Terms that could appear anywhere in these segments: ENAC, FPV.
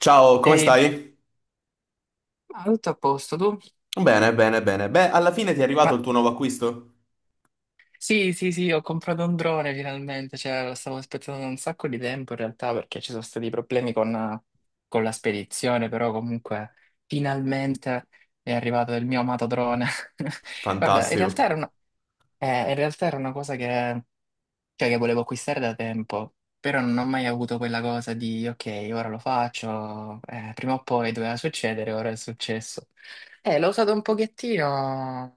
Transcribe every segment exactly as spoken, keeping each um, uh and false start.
Ciao, come Ehi, stai? ah, tutto a posto tu? Bene, bene, bene. Beh, alla fine ti è Ma arrivato il tuo nuovo acquisto? sì, sì, sì, ho comprato un drone finalmente, cioè lo stavo aspettando da un sacco di tempo in realtà perché ci sono stati problemi con, con la spedizione, però comunque finalmente è arrivato il mio amato drone. Guarda, in Fantastico. realtà era una, eh, in realtà era una cosa che, cioè, che volevo acquistare da tempo, però non ho mai avuto quella cosa di ok, ora lo faccio, eh, prima o poi doveva succedere, ora è successo. Eh, l'ho usato un pochettino.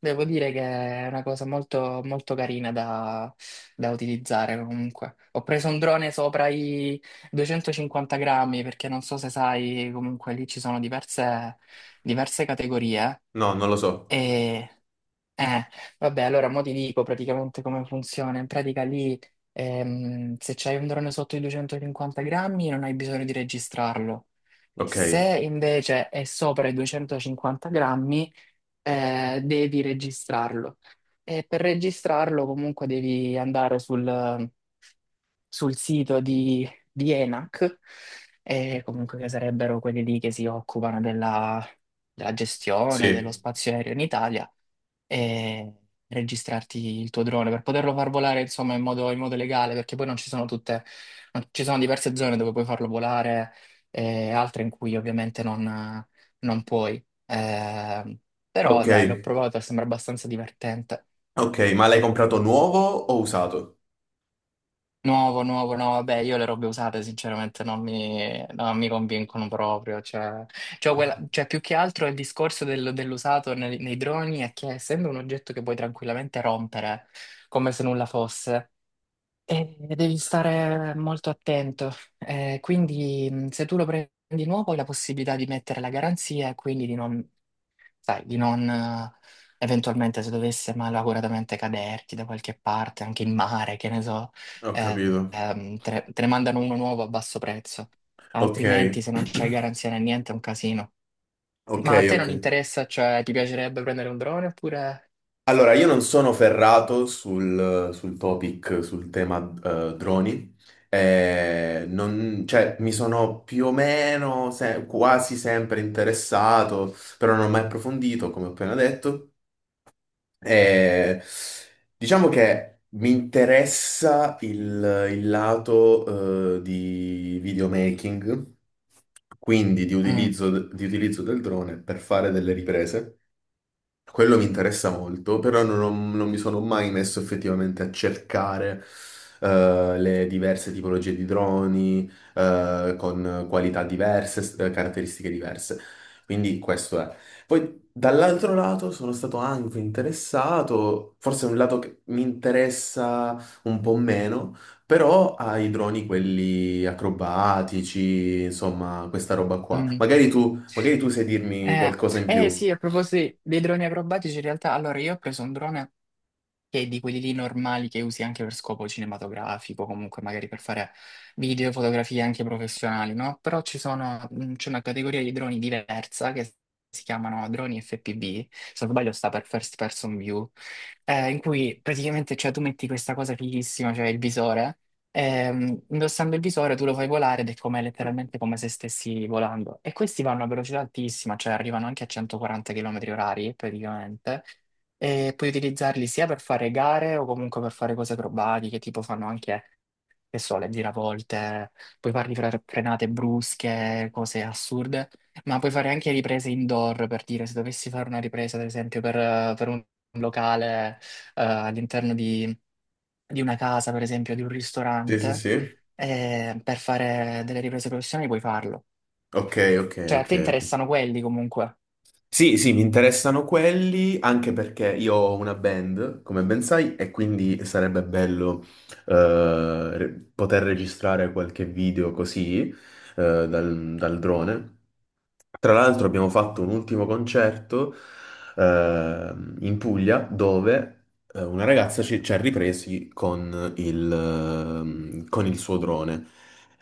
Devo dire che è una cosa molto, molto carina da, da utilizzare comunque. Ho preso un drone sopra i duecentocinquanta grammi perché non so se sai, comunque lì ci sono diverse, diverse categorie. No, non lo so. E eh, vabbè, allora mo ti dico praticamente come funziona. In pratica lì ehm, se c'hai un drone sotto i duecentocinquanta grammi non hai bisogno di registrarlo. Ok, Se invece è sopra i duecentocinquanta grammi eh, devi registrarlo. E per registrarlo comunque devi andare sul, sul sito di, di ENAC, eh, comunque che sarebbero quelli lì che si occupano della, della gestione dello sì. spazio aereo in Italia, e registrarti il tuo drone per poterlo far volare, insomma, in modo, in modo legale, perché poi non ci sono tutte, non- ci sono diverse zone dove puoi farlo volare e altre in cui ovviamente non, non puoi. Eh, però Ok, dai, l'ho provato e sembra abbastanza divertente. ok, ma l'hai comprato nuovo o usato? Nuovo, nuovo, no, vabbè, io le robe usate sinceramente non mi, non mi convincono proprio, cioè, cioè, quella- cioè, più che altro il discorso del- dell'usato nei, nei droni è che essendo un oggetto che puoi tranquillamente rompere come se nulla fosse, eh, devi stare molto attento. Eh, quindi mh, se tu lo prendi nuovo hai la possibilità di mettere la garanzia e quindi di non sai, di non, eh, eventualmente se dovesse malauguratamente caderti da qualche parte, anche in mare, che ne so, Ho eh, capito. ehm, te, ne te ne mandano uno nuovo a basso prezzo. Ok, Altrimenti, se non c'hai garanzia né niente, è un casino. ok, Ma a te ok. non interessa, cioè ti piacerebbe prendere un drone oppure... Allora, io non sono ferrato sul, sul topic, sul tema eh, droni. Eh, non- cioè, mi sono più o meno se- quasi sempre interessato, però non ho mai approfondito, come ho appena detto. Eh, diciamo che mi interessa il, il lato, eh, di videomaking, quindi di Mm, utilizzo, di utilizzo del drone per fare delle riprese. Quello mi interessa molto, però non, ho- non mi sono mai messo effettivamente a cercare eh, le diverse tipologie di droni eh, con qualità diverse, s- eh, caratteristiche diverse. Quindi questo è. Poi dall'altro lato sono stato anche interessato, forse è un lato che mi interessa un po' meno, però ai droni quelli acrobatici, insomma, questa roba qua. mm. Magari tu, magari tu sai dirmi Eh, qualcosa in eh, sì, più. a proposito dei droni acrobatici, in realtà, allora io ho preso un drone che di quelli lì normali che usi anche per scopo cinematografico, comunque magari per fare video, fotografie anche professionali, no? Però ci sono, mh, c'è una categoria di droni diversa che si chiamano droni effe pi vu, se non sbaglio sta per First Person View, eh, in cui praticamente cioè, tu metti questa cosa fighissima, cioè il visore, ehm, indossando il visore tu lo fai volare ed è come, letteralmente come se stessi volando. E questi vanno a velocità altissima, cioè arrivano anche a centoquaranta chilometri orari praticamente e puoi utilizzarli sia per fare gare o comunque per fare cose acrobatiche, tipo fanno anche, che so, le giravolte, puoi farli fra frenate brusche, cose assurde, ma puoi fare anche riprese indoor, per dire, se dovessi fare una ripresa, ad esempio, per, eh, per un locale, eh, all'interno di, di una casa, per esempio, di un Sì, sì, ristorante, sì. eh, per fare delle riprese professionali puoi farlo. Ok, ok, Cioè, a ok. te Ok. interessano quelli comunque. Sì, sì, mi interessano quelli anche perché io ho una band, come ben sai, e quindi sarebbe bello eh, re- poter registrare qualche video così eh, dal, dal drone. Tra l'altro abbiamo fatto un ultimo concerto eh, in Puglia dove eh, una ragazza ci, ci ha ripresi con il, ehm, con il suo drone.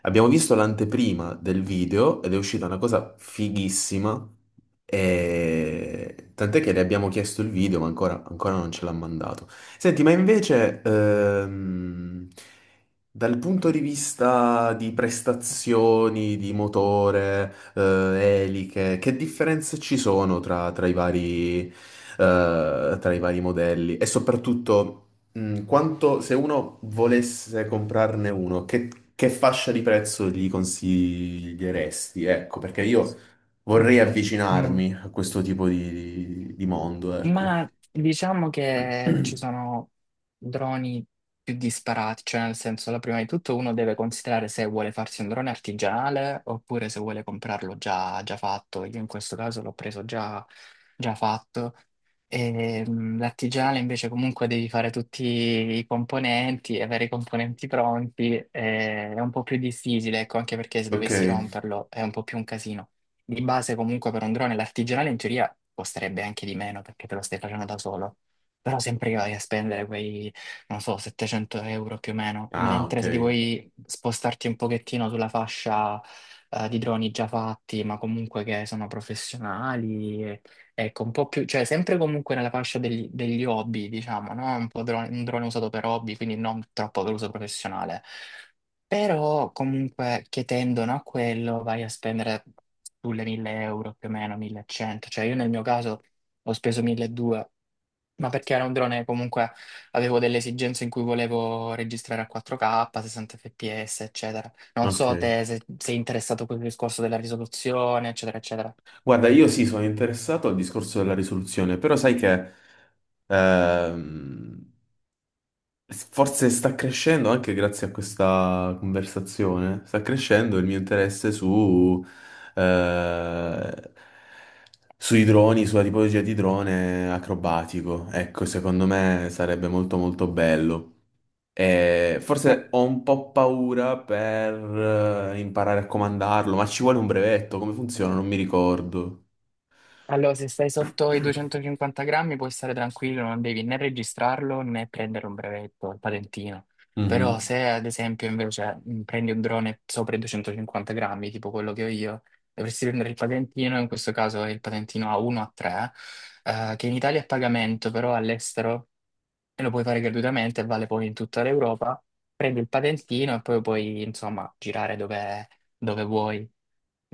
Abbiamo visto l'anteprima del video ed è uscita una cosa fighissima. E tant'è che le abbiamo chiesto il video, ma ancora, ancora non ce l'ha mandato. Senti, ma invece, ehm, dal punto di vista di prestazioni, di motore, eh, eliche, che differenze ci sono tra, tra i vari, eh, tra i vari modelli? E soprattutto, mm, quanto, se uno volesse comprarne uno, che, che fascia di prezzo gli consiglieresti? Ecco, perché io vorrei Mm. avvicinarmi a questo tipo di, di mondo, ecco. Ma diciamo che ci sono droni più disparati, cioè nel senso, la prima di tutto uno deve considerare se vuole farsi un drone artigianale oppure se vuole comprarlo già, già fatto. Io in questo caso l'ho preso già, già fatto. E, mh, l'artigianale invece comunque devi fare tutti i componenti, avere i componenti pronti, eh, è un po' più difficile, ecco, anche perché se Ok. dovessi romperlo è un po' più un casino. Di base comunque per un drone l'artigianale in teoria costerebbe anche di meno perché te lo stai facendo da solo, però sempre che vai a spendere quei, non so, settecento euro più o meno, Ah, ok. mentre se ti vuoi spostarti un pochettino sulla fascia eh, di droni già fatti, ma comunque che sono professionali, e- ecco, un po' più, cioè sempre comunque nella fascia degli, degli hobby, diciamo, no? Un po' drone- un drone usato per hobby, quindi non troppo per uso professionale. Però comunque che tendono a quello vai a spendere sulle mille euro più o meno, millecento. Cioè io nel mio caso ho speso milleduecento, ma perché era un drone comunque avevo delle esigenze in cui volevo registrare a quattro kappa, sessanta fps, eccetera. Non so Ok. te se sei interessato a quel discorso della risoluzione, eccetera, eccetera. Guarda, io sì, sono interessato al discorso della risoluzione, però sai che ehm, forse sta crescendo anche grazie a questa conversazione, sta crescendo il mio interesse su, eh, sui droni, sulla tipologia di drone acrobatico. Ecco, secondo me sarebbe molto molto bello. E forse ho un po' paura per eh, imparare a comandarlo, ma ci vuole un brevetto, come funziona? Non mi ricordo. Allora, se stai sotto i duecentocinquanta grammi puoi stare tranquillo, non devi né registrarlo né prendere un brevetto, il patentino. Però Mhm. se ad esempio invece mh, prendi un drone sopra i duecentocinquanta grammi, tipo quello che ho io, dovresti prendere il patentino, in questo caso è il patentino A uno A tre, eh, che in Italia è a pagamento, però all'estero lo puoi fare gratuitamente, vale poi in tutta l'Europa. Prendi il patentino e poi puoi, insomma, girare dove, dove vuoi.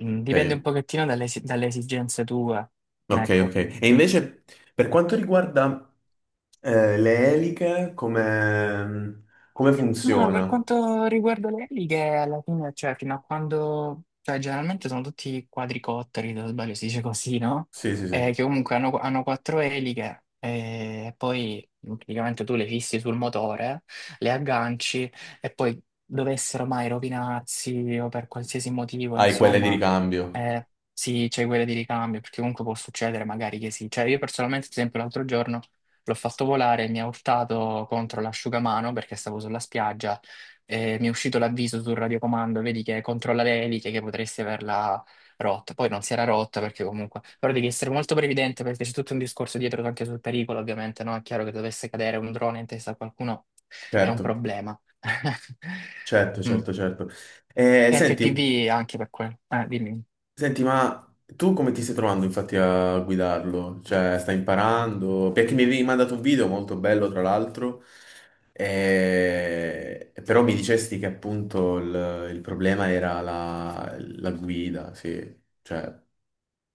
Mm, dipende un Ok, pochettino dalle, esi- dalle esigenze tue, ok, ok. ecco, E più. invece per quanto riguarda Eh, le eliche come, come Ma funziona? per quanto riguarda le eliche, alla fine, cioè, fino a quando, cioè, generalmente sono tutti quadricotteri, se non sbaglio si dice così, no? Sì, sì, Eh, sì. che comunque hanno, hanno quattro eliche, e poi praticamente tu le fissi sul motore, le agganci, e poi dovessero mai rovinarsi o per qualsiasi motivo, Hai quelle di insomma, ricambio. eh, sì, c'è quella di ricambio, perché comunque può succedere magari che sì. Cioè, io personalmente, ad esempio, l'altro giorno l'ho fatto volare, mi ha urtato contro l'asciugamano perché stavo sulla spiaggia e mi è uscito l'avviso sul radiocomando, vedi che controlla le eliche che potresti averla rotta. Poi non si era rotta perché comunque... Però devi essere molto previdente perché c'è tutto un discorso dietro anche sul pericolo, ovviamente, no? È chiaro che dovesse cadere un drone in testa a qualcuno è un Certo, problema. certo, Mm. certo, certo. Eh, senti, F P V anche per quello. Eh, dimmi. senti, ma tu come ti stai trovando infatti a guidarlo? Cioè, stai imparando? Perché mi avevi mandato un video molto bello, tra l'altro, e- però mi dicesti che appunto il, il problema era la, la guida, sì. Cioè,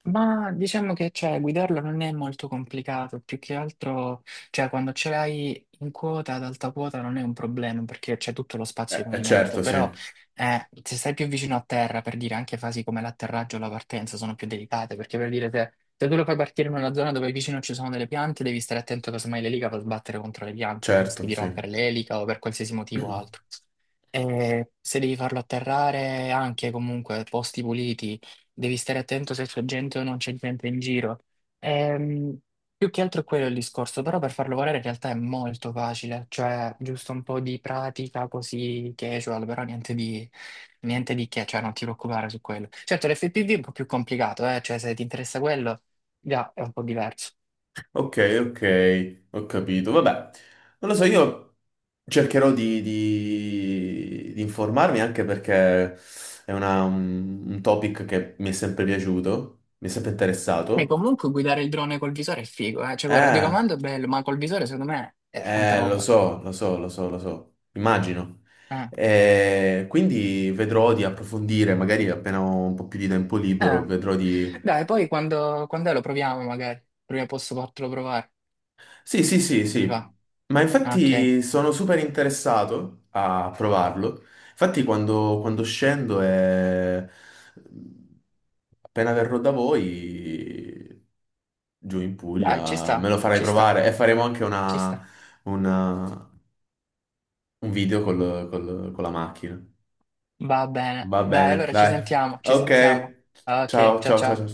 Ma diciamo che cioè, guidarlo non è molto complicato, più che altro cioè, quando ce l'hai in quota, ad alta quota non è un problema perché c'è tutto lo spazio eh, di eh, movimento, certo, sì, però eh, se stai più vicino a terra, per dire anche fasi come l'atterraggio o la partenza sono più delicate, perché per dire se, se tu lo fai partire in una zona dove vicino ci sono delle piante, devi stare attento che casomai l'elica va a sbattere contro le piante, rischi certo, di sì. rompere l'elica o per qualsiasi motivo altro. E se devi farlo atterrare anche comunque posti puliti, devi stare attento se c'è gente o non c'è gente in giro. Ehm, più che altro è quello il discorso, però per farlo volare in realtà è molto facile, cioè giusto un po' di pratica così casual, però niente di, niente di che, cioè non ti preoccupare su quello. Certo, l'F P V è un po' più complicato, eh, cioè se ti interessa quello, già è un po' diverso. Ok, ok, ho capito. Vabbè, non lo so, io cercherò di, di- di informarmi anche perché è una- un, un topic che mi è sempre piaciuto, mi è sempre E interessato. comunque guidare il drone col visore è figo, eh, cioè col Eh, radiocomando è bello, ma col visore secondo me è tanta eh, lo roba. so, lo so, lo so, lo so, immagino. Eh. Eh, quindi vedrò di approfondire, magari appena ho un po' più di tempo libero, Eh. vedrò. Dai, poi quando, quando è lo proviamo magari. Prima posso fartelo provare. Sì, sì, sì, Se ti va? sì, ma Ok. infatti sono super interessato a provarlo. Infatti quando, quando scendo e appena verrò da voi, giù in Dai, ci Puglia, me sta, lo farai ci sta, provare e faremo anche ci una, sta. una- un video col- col- con la macchina. Va bene. Va Dai, bene, allora ci dai. sentiamo, ci Ok, sentiamo. Ok, ciao, ciao ciao, ciao, ciao. ciao.